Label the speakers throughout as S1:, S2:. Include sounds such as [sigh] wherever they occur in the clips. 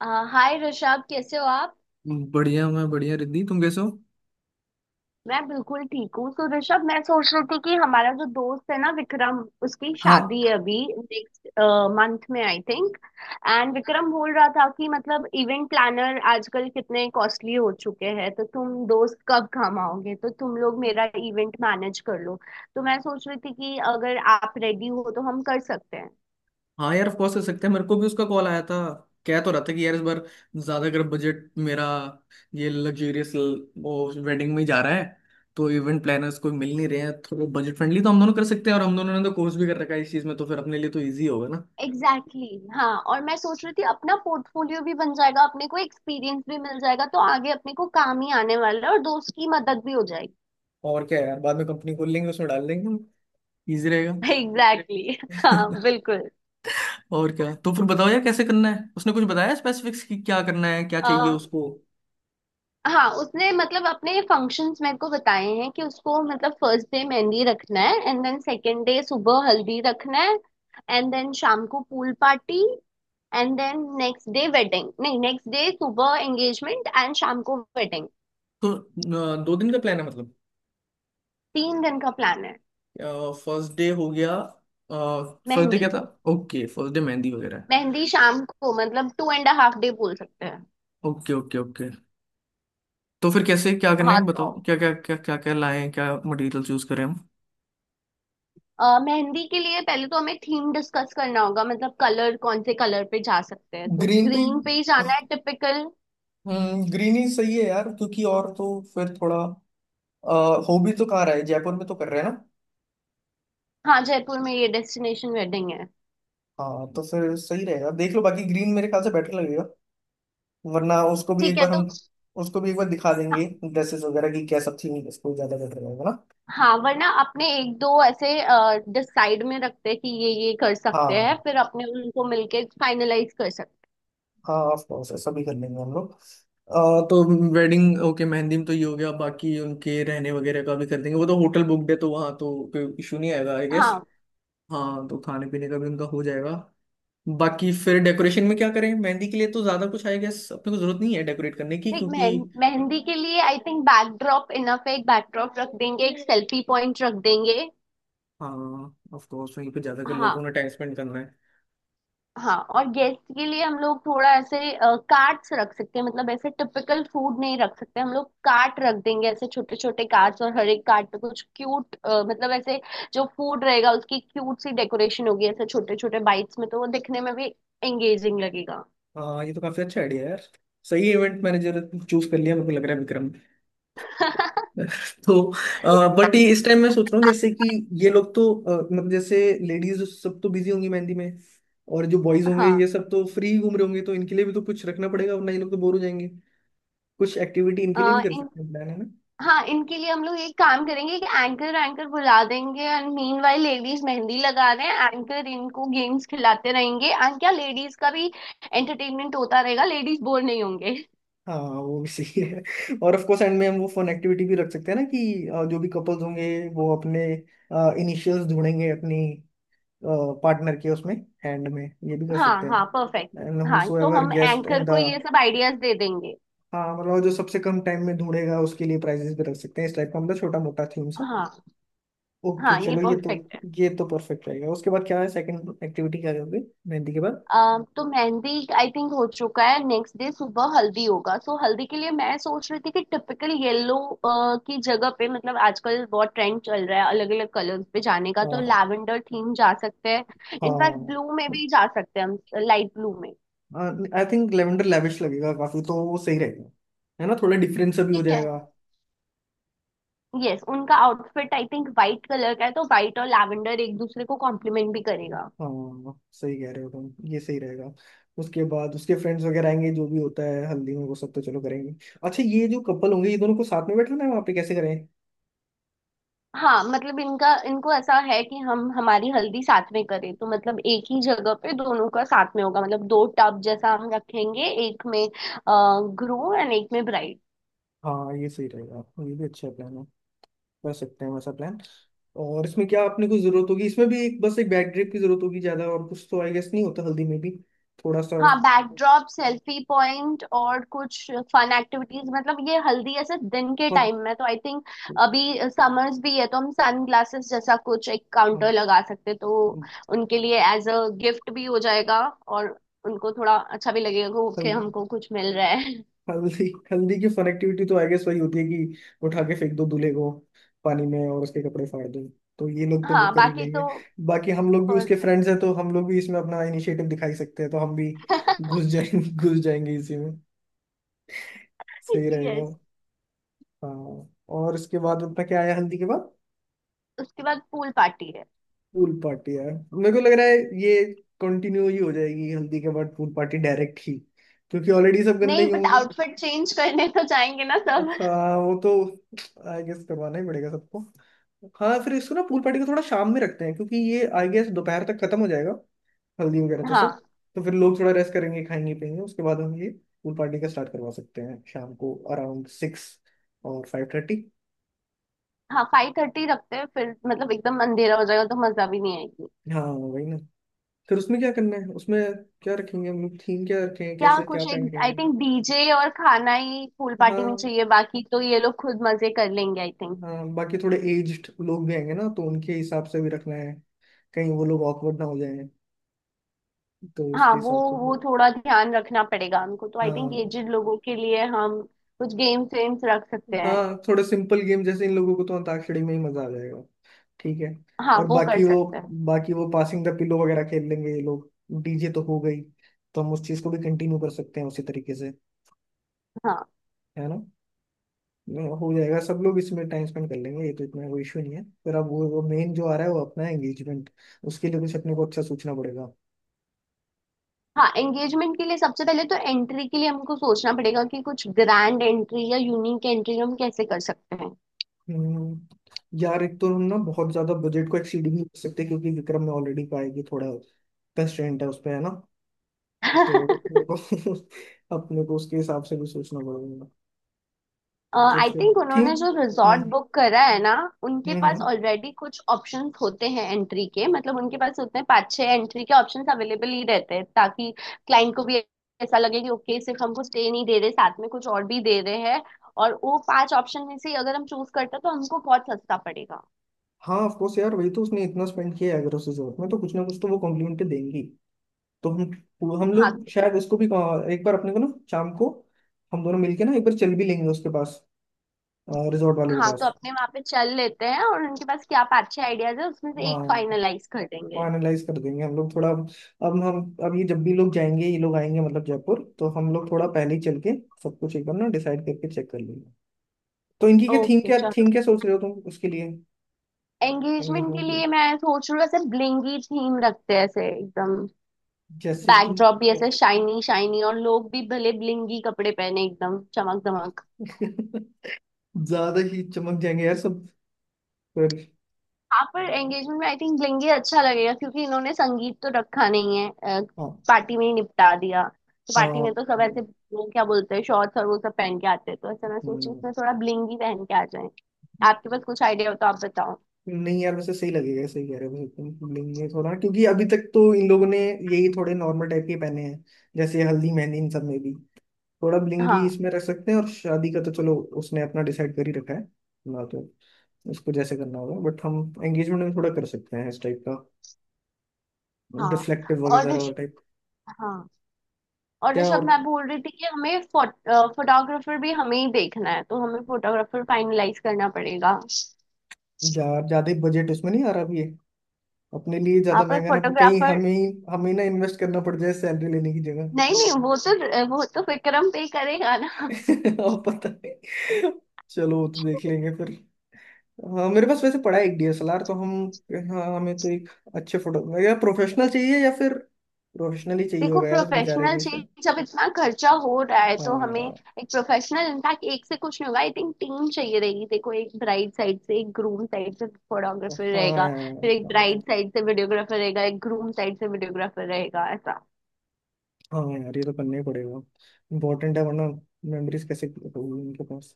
S1: अ, hi Rishabh, कैसे हो आप।
S2: बढ़िया, मैं बढ़िया। रिद्धि तुम कैसे हो?
S1: मैं बिल्कुल ठीक हूँ। तो ऋषभ, मैं सोच रही थी कि हमारा जो दोस्त है ना विक्रम, उसकी
S2: हाँ।
S1: शादी है अभी नेक्स्ट मंथ में आई थिंक। एंड विक्रम बोल रहा था कि मतलब इवेंट प्लानर आजकल कितने कॉस्टली हो चुके हैं, तो तुम दोस्त कब काम आओगे, तो तुम लोग मेरा इवेंट मैनेज कर लो। तो मैं सोच रही थी कि अगर आप रेडी हो तो हम कर सकते हैं।
S2: हाँ यार, ऑफ कोर्स कर सकते हैं। मेरे को भी उसका कॉल आया था। कह तो रहा था कि यार, इस बार ज्यादा अगर बजट मेरा ये लग्जरियस वो वेडिंग में ही जा रहा है, तो इवेंट प्लानर्स कोई मिल नहीं रहे हैं थोड़ा बजट फ्रेंडली। तो हम दोनों कर सकते हैं, और हम दोनों ने तो कोर्स भी कर रखा है इस चीज में, तो फिर अपने लिए तो ईजी होगा ना।
S1: एग्जैक्टली exactly, हाँ। और मैं सोच रही थी अपना पोर्टफोलियो भी बन जाएगा, अपने को एक्सपीरियंस भी मिल जाएगा, तो आगे अपने को काम ही आने वाला है और दोस्त की मदद भी हो जाएगी।
S2: और क्या यार, बाद में कंपनी खोल लेंगे, उसमें डाल देंगे हम। ईजी रहेगा।
S1: [laughs] एग्जैक्टली exactly, हाँ
S2: [laughs]
S1: बिल्कुल।
S2: और क्या। तो फिर बताओ यार, कैसे करना है? उसने कुछ बताया स्पेसिफिक्स कि क्या करना है, क्या
S1: आ,
S2: चाहिए उसको?
S1: हाँ, उसने मतलब अपने फंक्शंस मेरे को बताए हैं कि उसको मतलब फर्स्ट डे मेहंदी रखना है एंड देन सेकंड डे सुबह हल्दी रखना है। एंड देन शाम को pool party. And then next day wedding नहीं, नेक्स्ट डे सुबह एंगेजमेंट एंड शाम को वेडिंग।
S2: तो 2 दिन का प्लान है मतलब।
S1: 3 दिन का प्लान है।
S2: फर्स्ट डे हो गया। First day
S1: mehndi.
S2: क्या था? ओके, फर्स्ट डे मेहंदी वगैरह है।
S1: मेहंदी शाम को, मतलब 2.5 day बोल सकते हैं।
S2: Okay, okay, okay. तो फिर कैसे क्या करना
S1: हाँ
S2: है
S1: तो
S2: बताओ? क्या क्या क्या क्या क्या लाएं, क्या मटेरियल चूज करें हम?
S1: अ, मेहंदी के लिए पहले तो हमें थीम डिस्कस करना होगा, मतलब कलर, कौन से कलर पे जा सकते हैं। तो
S2: ग्रीन पे।
S1: ग्रीन पे ही जाना है टिपिकल।
S2: ग्रीन ही सही है यार, क्योंकि और तो फिर थोड़ा अ, हो भी तो कहाँ रहा है, जयपुर में तो कर रहे हैं ना।
S1: हाँ, जयपुर में, ये डेस्टिनेशन वेडिंग है।
S2: हाँ तो फिर सही रहेगा, देख लो, बाकी ग्रीन मेरे ख्याल से बेटर लगेगा। वरना उसको भी
S1: ठीक
S2: एक
S1: है
S2: बार हम
S1: तो
S2: उसको भी एक बार दिखा
S1: हाँ।
S2: देंगे, ड्रेसेस वगैरह की क्या सब थी, उसको ज्यादा बेटर रहेगा ना।
S1: हाँ, वरना अपने एक दो ऐसे डिसाइड में रखते हैं कि ये कर सकते हैं,
S2: हाँ।
S1: फिर अपने उनको मिलके फाइनलाइज कर सकते
S2: हाँ, ऑफ कोर्स ऐसा भी कर लेंगे हम लोग। आ, तो वेडिंग ओके मेहंदी में तो ये हो गया, बाकी उनके रहने वगैरह का भी कर देंगे। वो तो होटल बुकड है, तो वहाँ तो कोई इशू नहीं आएगा आई
S1: हैं।
S2: गेस।
S1: हाँ।
S2: हाँ तो खाने पीने का भी उनका हो जाएगा। बाकी फिर डेकोरेशन में क्या करें? मेहंदी के लिए तो ज्यादा कुछ आई गेस अपने को जरूरत नहीं है डेकोरेट करने की,
S1: देख,
S2: क्योंकि
S1: मेहंदी के लिए आई थिंक बैकड्रॉप इनफ है। एक बैकड्रॉप रख देंगे, एक सेल्फी पॉइंट रख देंगे।
S2: हाँ ऑफ कोर्स वहीं पे ज्यादातर
S1: हाँ।
S2: लोगों ने टाइम स्पेंड करना है।
S1: हाँ, और गेस्ट के लिए हम लोग थोड़ा ऐसे कार्ट्स रख सकते हैं। मतलब ऐसे टिपिकल फूड नहीं रख सकते, हम लोग कार्ट रख देंगे, ऐसे छोटे छोटे कार्ट्स, और हर एक कार्ट पे कुछ क्यूट, मतलब ऐसे जो फूड रहेगा उसकी क्यूट सी डेकोरेशन होगी, ऐसे छोटे छोटे बाइट्स में, तो वो दिखने में भी एंगेजिंग लगेगा।
S2: हाँ ये तो काफी अच्छा आइडिया है यार। सही इवेंट मैनेजर चूज कर लिया मेरे को लग रहा है विक्रम।
S1: [laughs]
S2: [laughs] तो बट ये इस टाइम मैं सोच रहा हूँ जैसे कि ये लोग तो मतलब जैसे लेडीज सब तो बिजी होंगी मेहंदी में, और जो बॉयज होंगे ये सब तो फ्री घूम रहे होंगे, तो इनके लिए भी तो कुछ रखना पड़ेगा, वरना ये लोग तो बोर हो जाएंगे। कुछ एक्टिविटी इनके लिए भी
S1: हाँ।
S2: कर सकते हैं, प्लान है ना।
S1: हाँ, इनके लिए हम लोग एक काम करेंगे कि एंकर एंकर बुला देंगे and meanwhile ladies mehndi लगा रहे हैं एंकर इनको गेम्स खिलाते रहेंगे, एंड क्या लेडीज का भी एंटरटेनमेंट होता रहेगा, लेडीज बोर नहीं होंगे।
S2: हाँ वो भी सही है। और ऑफ कोर्स एंड में हम वो फन एक्टिविटी भी रख सकते हैं ना कि जो भी कपल्स होंगे, वो अपने इनिशियल्स ढूंढेंगे अपनी पार्टनर के, उसमें हैंड में, ये भी कर
S1: हाँ
S2: सकते
S1: हाँ परफेक्ट।
S2: हैं। एंड हु
S1: हाँ,
S2: सो
S1: तो
S2: एवर
S1: हम
S2: गेस्ट इन
S1: एंकर
S2: द।
S1: को ये सब आइडियाज दे देंगे।
S2: हाँ मतलब जो सबसे कम टाइम में ढूंढेगा उसके लिए प्राइजेस भी रख सकते हैं, इस टाइप का, मतलब छोटा मोटा थीम सा।
S1: हाँ।
S2: ओके
S1: हाँ ये
S2: चलो,
S1: परफेक्ट है।
S2: ये तो परफेक्ट रहेगा। उसके बाद क्या है? सेकंड एक्टिविटी क्या करोगे मेहंदी के बाद?
S1: तो मेहंदी आई थिंक हो चुका है। नेक्स्ट डे सुबह हल्दी होगा, सो हल्दी के लिए मैं सोच रही थी कि टिपिकल येलो की जगह पे, मतलब आजकल बहुत ट्रेंड चल रहा है अलग अलग कलर्स पे जाने का, तो
S2: हाँ।
S1: लैवेंडर थीम जा सकते हैं, इनफैक्ट
S2: हाँ।
S1: ब्लू में भी जा सकते हैं हम, लाइट ब्लू में।
S2: हाँ आई थिंक लेवेंडर लेविश लगेगा काफी, तो वो सही रहेगा। है ना, थोड़ा डिफरेंस सा भी हो
S1: ठीक है।
S2: जाएगा।
S1: यस, उनका outfit I think white colour का है, तो वाइट और लैवेंडर एक दूसरे को कॉम्प्लीमेंट भी करेगा।
S2: हाँ सही कह रहे हो तुम, ये सही रहेगा। उसके बाद उसके फ्रेंड्स वगैरह आएंगे, जो भी होता है हल्दी में वो सब तो चलो करेंगे। अच्छा ये जो कपल होंगे, ये दोनों को साथ में बैठना है, वहाँ पे कैसे करें?
S1: हाँ, मतलब इनका, इनको ऐसा है कि हम हमारी हल्दी साथ में करें, तो मतलब एक ही जगह पे दोनों का साथ में होगा। मतलब दो टब जैसा हम रखेंगे, एक में ग्रूम एंड एक में ब्राइड।
S2: हाँ ये सही रहेगा, ये भी अच्छा प्लान है, कर सकते हैं वैसा प्लान। और इसमें क्या आपने कुछ जरूरत होगी? इसमें भी एक बस एक बैक ड्रिप की जरूरत होगी ज्यादा, और कुछ तो आई गेस नहीं होता हल्दी में भी, थोड़ा सा।
S1: हाँ, बैकड्रॉप, सेल्फी पॉइंट और कुछ फन एक्टिविटीज। मतलब ये हल्दी ऐसे दिन के टाइम
S2: हाँ।
S1: में तो आई थिंक अभी समर्स भी है, तो हम सन ग्लासेस जैसा कुछ एक
S2: हाँ,
S1: काउंटर लगा सकते हैं, तो उनके लिए एज अ गिफ्ट भी हो जाएगा और उनको थोड़ा अच्छा भी लगेगा, ओके
S2: हल्दी।
S1: हमको कुछ मिल रहा है।
S2: हल्दी हल्दी की फन एक्टिविटी तो आई गेस वही होती है कि उठा के फेंक दो दूल्हे को पानी में और उसके कपड़े फाड़ दो। तो ये लोग तो वो
S1: हाँ
S2: कर ही
S1: बाकी
S2: लेंगे।
S1: तो
S2: बाकी हम लोग भी उसके
S1: परफेक्ट।
S2: फ्रेंड्स हैं, तो हम लोग भी इसमें अपना इनिशिएटिव दिखाई सकते हैं, तो हम भी घुस जाएंगे। [laughs] घुस जाएंगे इसी में, सही रहेगा।
S1: यस।
S2: हाँ। और इसके बाद अपना क्या आया हल्दी के बाद?
S1: [laughs] उसके बाद पूल पार्टी है।
S2: पूल पार्टी यार मेरे को लग रहा है ये कंटिन्यू ही हो जाएगी हल्दी के बाद, पूल पार्टी डायरेक्ट ही, क्योंकि ऑलरेडी सब गंदे
S1: नहीं,
S2: ही
S1: बट
S2: होंगे।
S1: आउटफिट चेंज करने तो जाएंगे ना सब।
S2: हाँ वो तो आई गेस करवाना ही पड़ेगा सबको। हाँ फिर इसको ना पूल पार्टी को थोड़ा शाम में रखते हैं, क्योंकि ये आई गेस दोपहर तक खत्म हो जाएगा हल्दी वगैरह तो
S1: हाँ।
S2: सब। तो फिर लोग थोड़ा रेस्ट करेंगे, खाएंगे, पियेंगे, उसके बाद हम ये पूल पार्टी का स्टार्ट करवा सकते हैं शाम को अराउंड 6 और 5:30।
S1: हाँ, 5:30 रखते हैं, फिर मतलब एकदम अंधेरा हो जाएगा तो मजा भी नहीं आएगी।
S2: हाँ वही ना। फिर उसमें क्या करना है? उसमें क्या रखेंगे हम लोग? थीम क्या रखेंगे?
S1: क्या
S2: कैसे क्या
S1: कुछ,
S2: पहन के
S1: एक आई
S2: आएंगे?
S1: थिंक डीजे और खाना ही पूल पार्टी में
S2: हाँ।
S1: चाहिए, बाकी तो ये लोग खुद मजे कर लेंगे आई थिंक।
S2: हाँ, बाकी थोड़े एज्ड लोग भी आएंगे ना, तो उनके हिसाब से भी रखना है, कहीं वो लोग ऑकवर्ड ना हो जाए, तो
S1: हाँ,
S2: उसके
S1: वो
S2: हिसाब से भी।
S1: वो थोड़ा ध्यान रखना पड़ेगा उनको, तो आई थिंक
S2: हाँ।
S1: एजेड लोगों के लिए हम कुछ गेम्स वेम्स रख सकते हैं।
S2: हाँ थोड़े सिंपल गेम, जैसे इन लोगों को तो अंताक्षरी में ही मजा आ जाएगा। ठीक है।
S1: हाँ
S2: और
S1: वो कर
S2: बाकी वो
S1: सकते हैं।
S2: बाकी वो पासिंग द पिलो वगैरह खेल लेंगे ये लोग। डीजे तो हो गई, तो हम उस चीज को भी कंटिन्यू कर सकते हैं उसी तरीके से,
S1: हाँ।
S2: है ना। हो जाएगा, सब लोग इसमें टाइम स्पेंड कर लेंगे, ये तो इतना कोई इशू नहीं है। फिर अब वो मेन जो आ रहा है वो अपना एंगेजमेंट, उसके लिए कुछ अपने को अच्छा सोचना पड़ेगा।
S1: हाँ, एंगेजमेंट के लिए सबसे पहले तो एंट्री के लिए हमको सोचना पड़ेगा कि कुछ ग्रैंड एंट्री या यूनिक एंट्री हम कैसे कर सकते हैं।
S2: यार एक तो हम ना बहुत ज्यादा बजट को एक्सीड भी नहीं कर सकते, क्योंकि विक्रम में ऑलरेडी पाएगी थोड़ा कंस्ट्रेंट है उस पे, है ना। तो अपने
S1: [laughs]
S2: को [laughs] अपने को उसके हिसाब से भी सोचना पड़ेगा। तो
S1: आई
S2: फिर
S1: थिंक उन्होंने
S2: थीम।
S1: जो रिजॉर्ट
S2: हम्म।
S1: बुक करा है ना, उनके
S2: हम्म।
S1: पास
S2: हम्म।
S1: ऑलरेडी कुछ ऑप्शंस होते हैं एंट्री के, मतलब उनके पास उतने 5-6 एंट्री के ऑप्शंस अवेलेबल ही रहते हैं, ताकि क्लाइंट को भी ऐसा लगे कि ओके सिर्फ हमको स्टे नहीं दे रहे, साथ में कुछ और भी दे रहे हैं। और वो 5 ऑप्शन में से अगर हम चूज करते हैं तो हमको बहुत सस्ता पड़ेगा।
S2: हाँ ऑफ कोर्स यार, वही तो, उसने इतना स्पेंड किया है, अगर उसे जरूरत में तो कुछ ना कुछ तो वो कॉम्प्लीमेंट देंगी। तो हम
S1: हाँ।
S2: लोग शायद उसको भी एक बार अपने को ना शाम को हम दोनों मिलके ना एक बार चल भी लेंगे उसके पास, रिजॉर्ट वाले के
S1: हाँ तो
S2: पास।
S1: अपने वहां पे चल लेते हैं और उनके पास क्या 5-6 आइडियाज है, उसमें से एक
S2: हाँ
S1: फाइनलाइज कर देंगे।
S2: फाइनलाइज कर देंगे हम लोग थोड़ा। अब हम अब ये जब भी लोग जाएंगे, ये लोग आएंगे मतलब जयपुर, तो हम लोग थोड़ा पहले ही चल के सब कुछ एक बार ना डिसाइड करके चेक कर लेंगे। तो इनकी क्या थीम,
S1: ओके
S2: क्या थीम
S1: चलो।
S2: क्या सोच रहे हो तुम उसके लिए
S1: एंगेजमेंट के
S2: एंगेजमेंट के
S1: लिए
S2: लिए
S1: मैं सोच रही हूँ ऐसे ब्लिंगी थीम रखते हैं, ऐसे एकदम
S2: जैसे कि?
S1: बैकड्रॉप भी ऐसे शाइनी शाइनी और लोग भी भले ब्लिंगी कपड़े पहने, एकदम चमक दमक।
S2: [laughs] ज्यादा ही चमक जाएंगे यार सब। फिर।
S1: हाँ, पर एंगेजमेंट में आई थिंक लेंगे अच्छा लगेगा, क्योंकि इन्होंने संगीत तो रखा नहीं है,
S2: हाँ।
S1: पार्टी में ही निपटा दिया, तो पार्टी में
S2: हाँ।
S1: तो सब ऐसे वो क्या बोलते हैं शॉर्ट्स और वो सब पहन के आते हैं, तो ऐसा मैं सोची
S2: हम्म,
S1: इसमें थोड़ा ब्लिंग ही पहन के आ जाए। आपके पास कुछ आइडिया हो तो आप बताओ।
S2: नहीं यार वैसे सही लगेगा, सही कह रहे हो वैसे। तुम लेंगे थोड़ा क्योंकि अभी तक तो इन लोगों ने यही थोड़े नॉर्मल टाइप के पहने हैं, जैसे हल्दी मेहंदी इन सब में भी, थोड़ा ब्लिंगी
S1: हाँ।
S2: इसमें रख सकते हैं, और शादी का तो चलो उसने अपना डिसाइड कर ही रखा है ना, तो उसको जैसे करना होगा, बट हम एंगेजमेंट में थोड़ा कर सकते हैं इस टाइप का,
S1: हाँ
S2: डिफ्लेक्टिव
S1: और
S2: वगैरह टाइप।
S1: हाँ और
S2: क्या?
S1: ऋषभ,
S2: और
S1: मैं बोल रही थी कि हमें फोटोग्राफर भी हमें ही देखना है, तो हमें फोटोग्राफर फाइनलाइज करना पड़ेगा।
S2: ज्यादा बजट उसमें नहीं आ रहा अभी ये, अपने लिए
S1: हाँ
S2: ज्यादा
S1: पर
S2: महंगा ना कहीं
S1: फोटोग्राफर,
S2: हमें ही, हमें ना इन्वेस्ट करना पड़ जाए सैलरी लेने की
S1: नहीं नहीं, वो तो विक्रम पे ही करेगा ना।
S2: जगह। [laughs] और पता नहीं, चलो वो तो देख लेंगे फिर। हाँ मेरे पास वैसे पड़ा है एक डीएसएलआर, तो हम। हाँ हमें तो एक अच्छे फोटो या प्रोफेशनल चाहिए, या फिर प्रोफेशनल ही चाहिए
S1: देखो,
S2: होगा यार उस बेचारे
S1: प्रोफेशनल
S2: की।
S1: चीज, जब इतना खर्चा हो रहा है
S2: हाँ
S1: तो हमें
S2: यार।
S1: एक प्रोफेशनल, इनफैक्ट एक से कुछ नहीं होगा आई थिंक, टीम चाहिए रहेगी। देखो, एक ब्राइड साइड से, एक ग्रूम साइड से फोटोग्राफर
S2: हाँ
S1: रहेगा,
S2: यार
S1: फिर एक
S2: आज।
S1: ब्राइड साइड से वीडियोग्राफर रहेगा, एक ग्रूम साइड से वीडियोग्राफर रहेगा, ऐसा।
S2: हाँ यार ये तो करना ही पड़ेगा, इम्पोर्टेंट है, वरना मेमोरीज कैसे होगी उनके पास।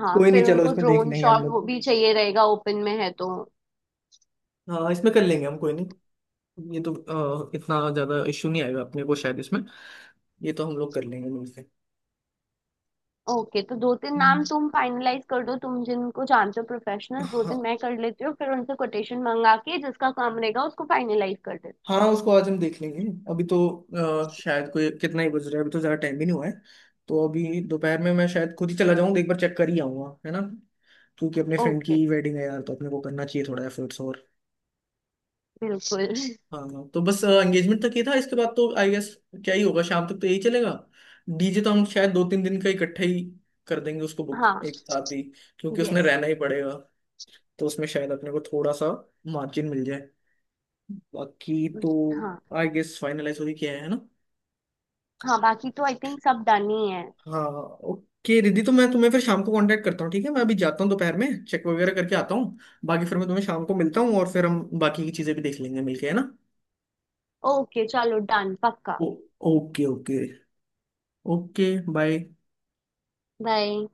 S1: हाँ,
S2: कोई नहीं
S1: फिर
S2: चलो,
S1: उनको
S2: इसमें देख
S1: ड्रोन
S2: लेंगे हम
S1: शॉट
S2: लोग।
S1: वो भी चाहिए रहेगा, ओपन में है तो।
S2: हाँ इसमें कर लेंगे हम, कोई नहीं। ये तो इतना ज्यादा इश्यू नहीं आएगा अपने को शायद इसमें, ये तो हम लोग कर लेंगे मिलके।
S1: ओके, तो 2-3 नाम
S2: हम्म।
S1: तुम फाइनलाइज कर दो, तुम जिनको जानते हो प्रोफेशनल, दो
S2: हाँ।
S1: तीन मैं कर लेती हूँ, फिर उनसे कोटेशन मंगा के जिसका काम रहेगा उसको फाइनलाइज कर देते।
S2: हाँ उसको आज हम देख लेंगे। अभी तो शायद कोई कितना ही बज रहा है अभी, तो ज्यादा टाइम भी नहीं हुआ है, तो अभी दोपहर में मैं शायद खुद ही चला जाऊंगा, एक बार चेक कर ही आऊंगा, है ना। क्योंकि अपने फ्रेंड
S1: ओके।
S2: की वेडिंग है यार, तो अपने को करना चाहिए थोड़ा एफर्ट्स।
S1: बिल्कुल।
S2: हाँ तो बस एंगेजमेंट तक ही था, इसके बाद तो आई गेस क्या ही होगा, शाम तक तो यही चलेगा। डीजे तो हम शायद 2-3 दिन का इकट्ठा ही कर देंगे उसको बुक
S1: हाँ।
S2: एक साथ ही, क्योंकि उसने
S1: यस।
S2: रहना ही पड़ेगा, तो उसमें शायद अपने को थोड़ा सा मार्जिन मिल जाए बाकी तो।
S1: हाँ।
S2: आई गेस फाइनलाइज हो ही किया है ना।
S1: हाँ बाकी तो आई थिंक सब डन ही है।
S2: हाँ। ओके रिद्धि, तो मैं तुम्हें फिर शाम को कांटेक्ट करता हूँ, ठीक है? मैं अभी जाता हूँ, दोपहर में चेक वगैरह करके आता हूँ, बाकी फिर मैं तुम्हें शाम को मिलता हूँ, और फिर हम बाकी की चीज़ें भी देख लेंगे मिलके, है ना।
S1: ओके चलो डन पक्का।
S2: Oh, okay okay. Okay bye.
S1: Bye.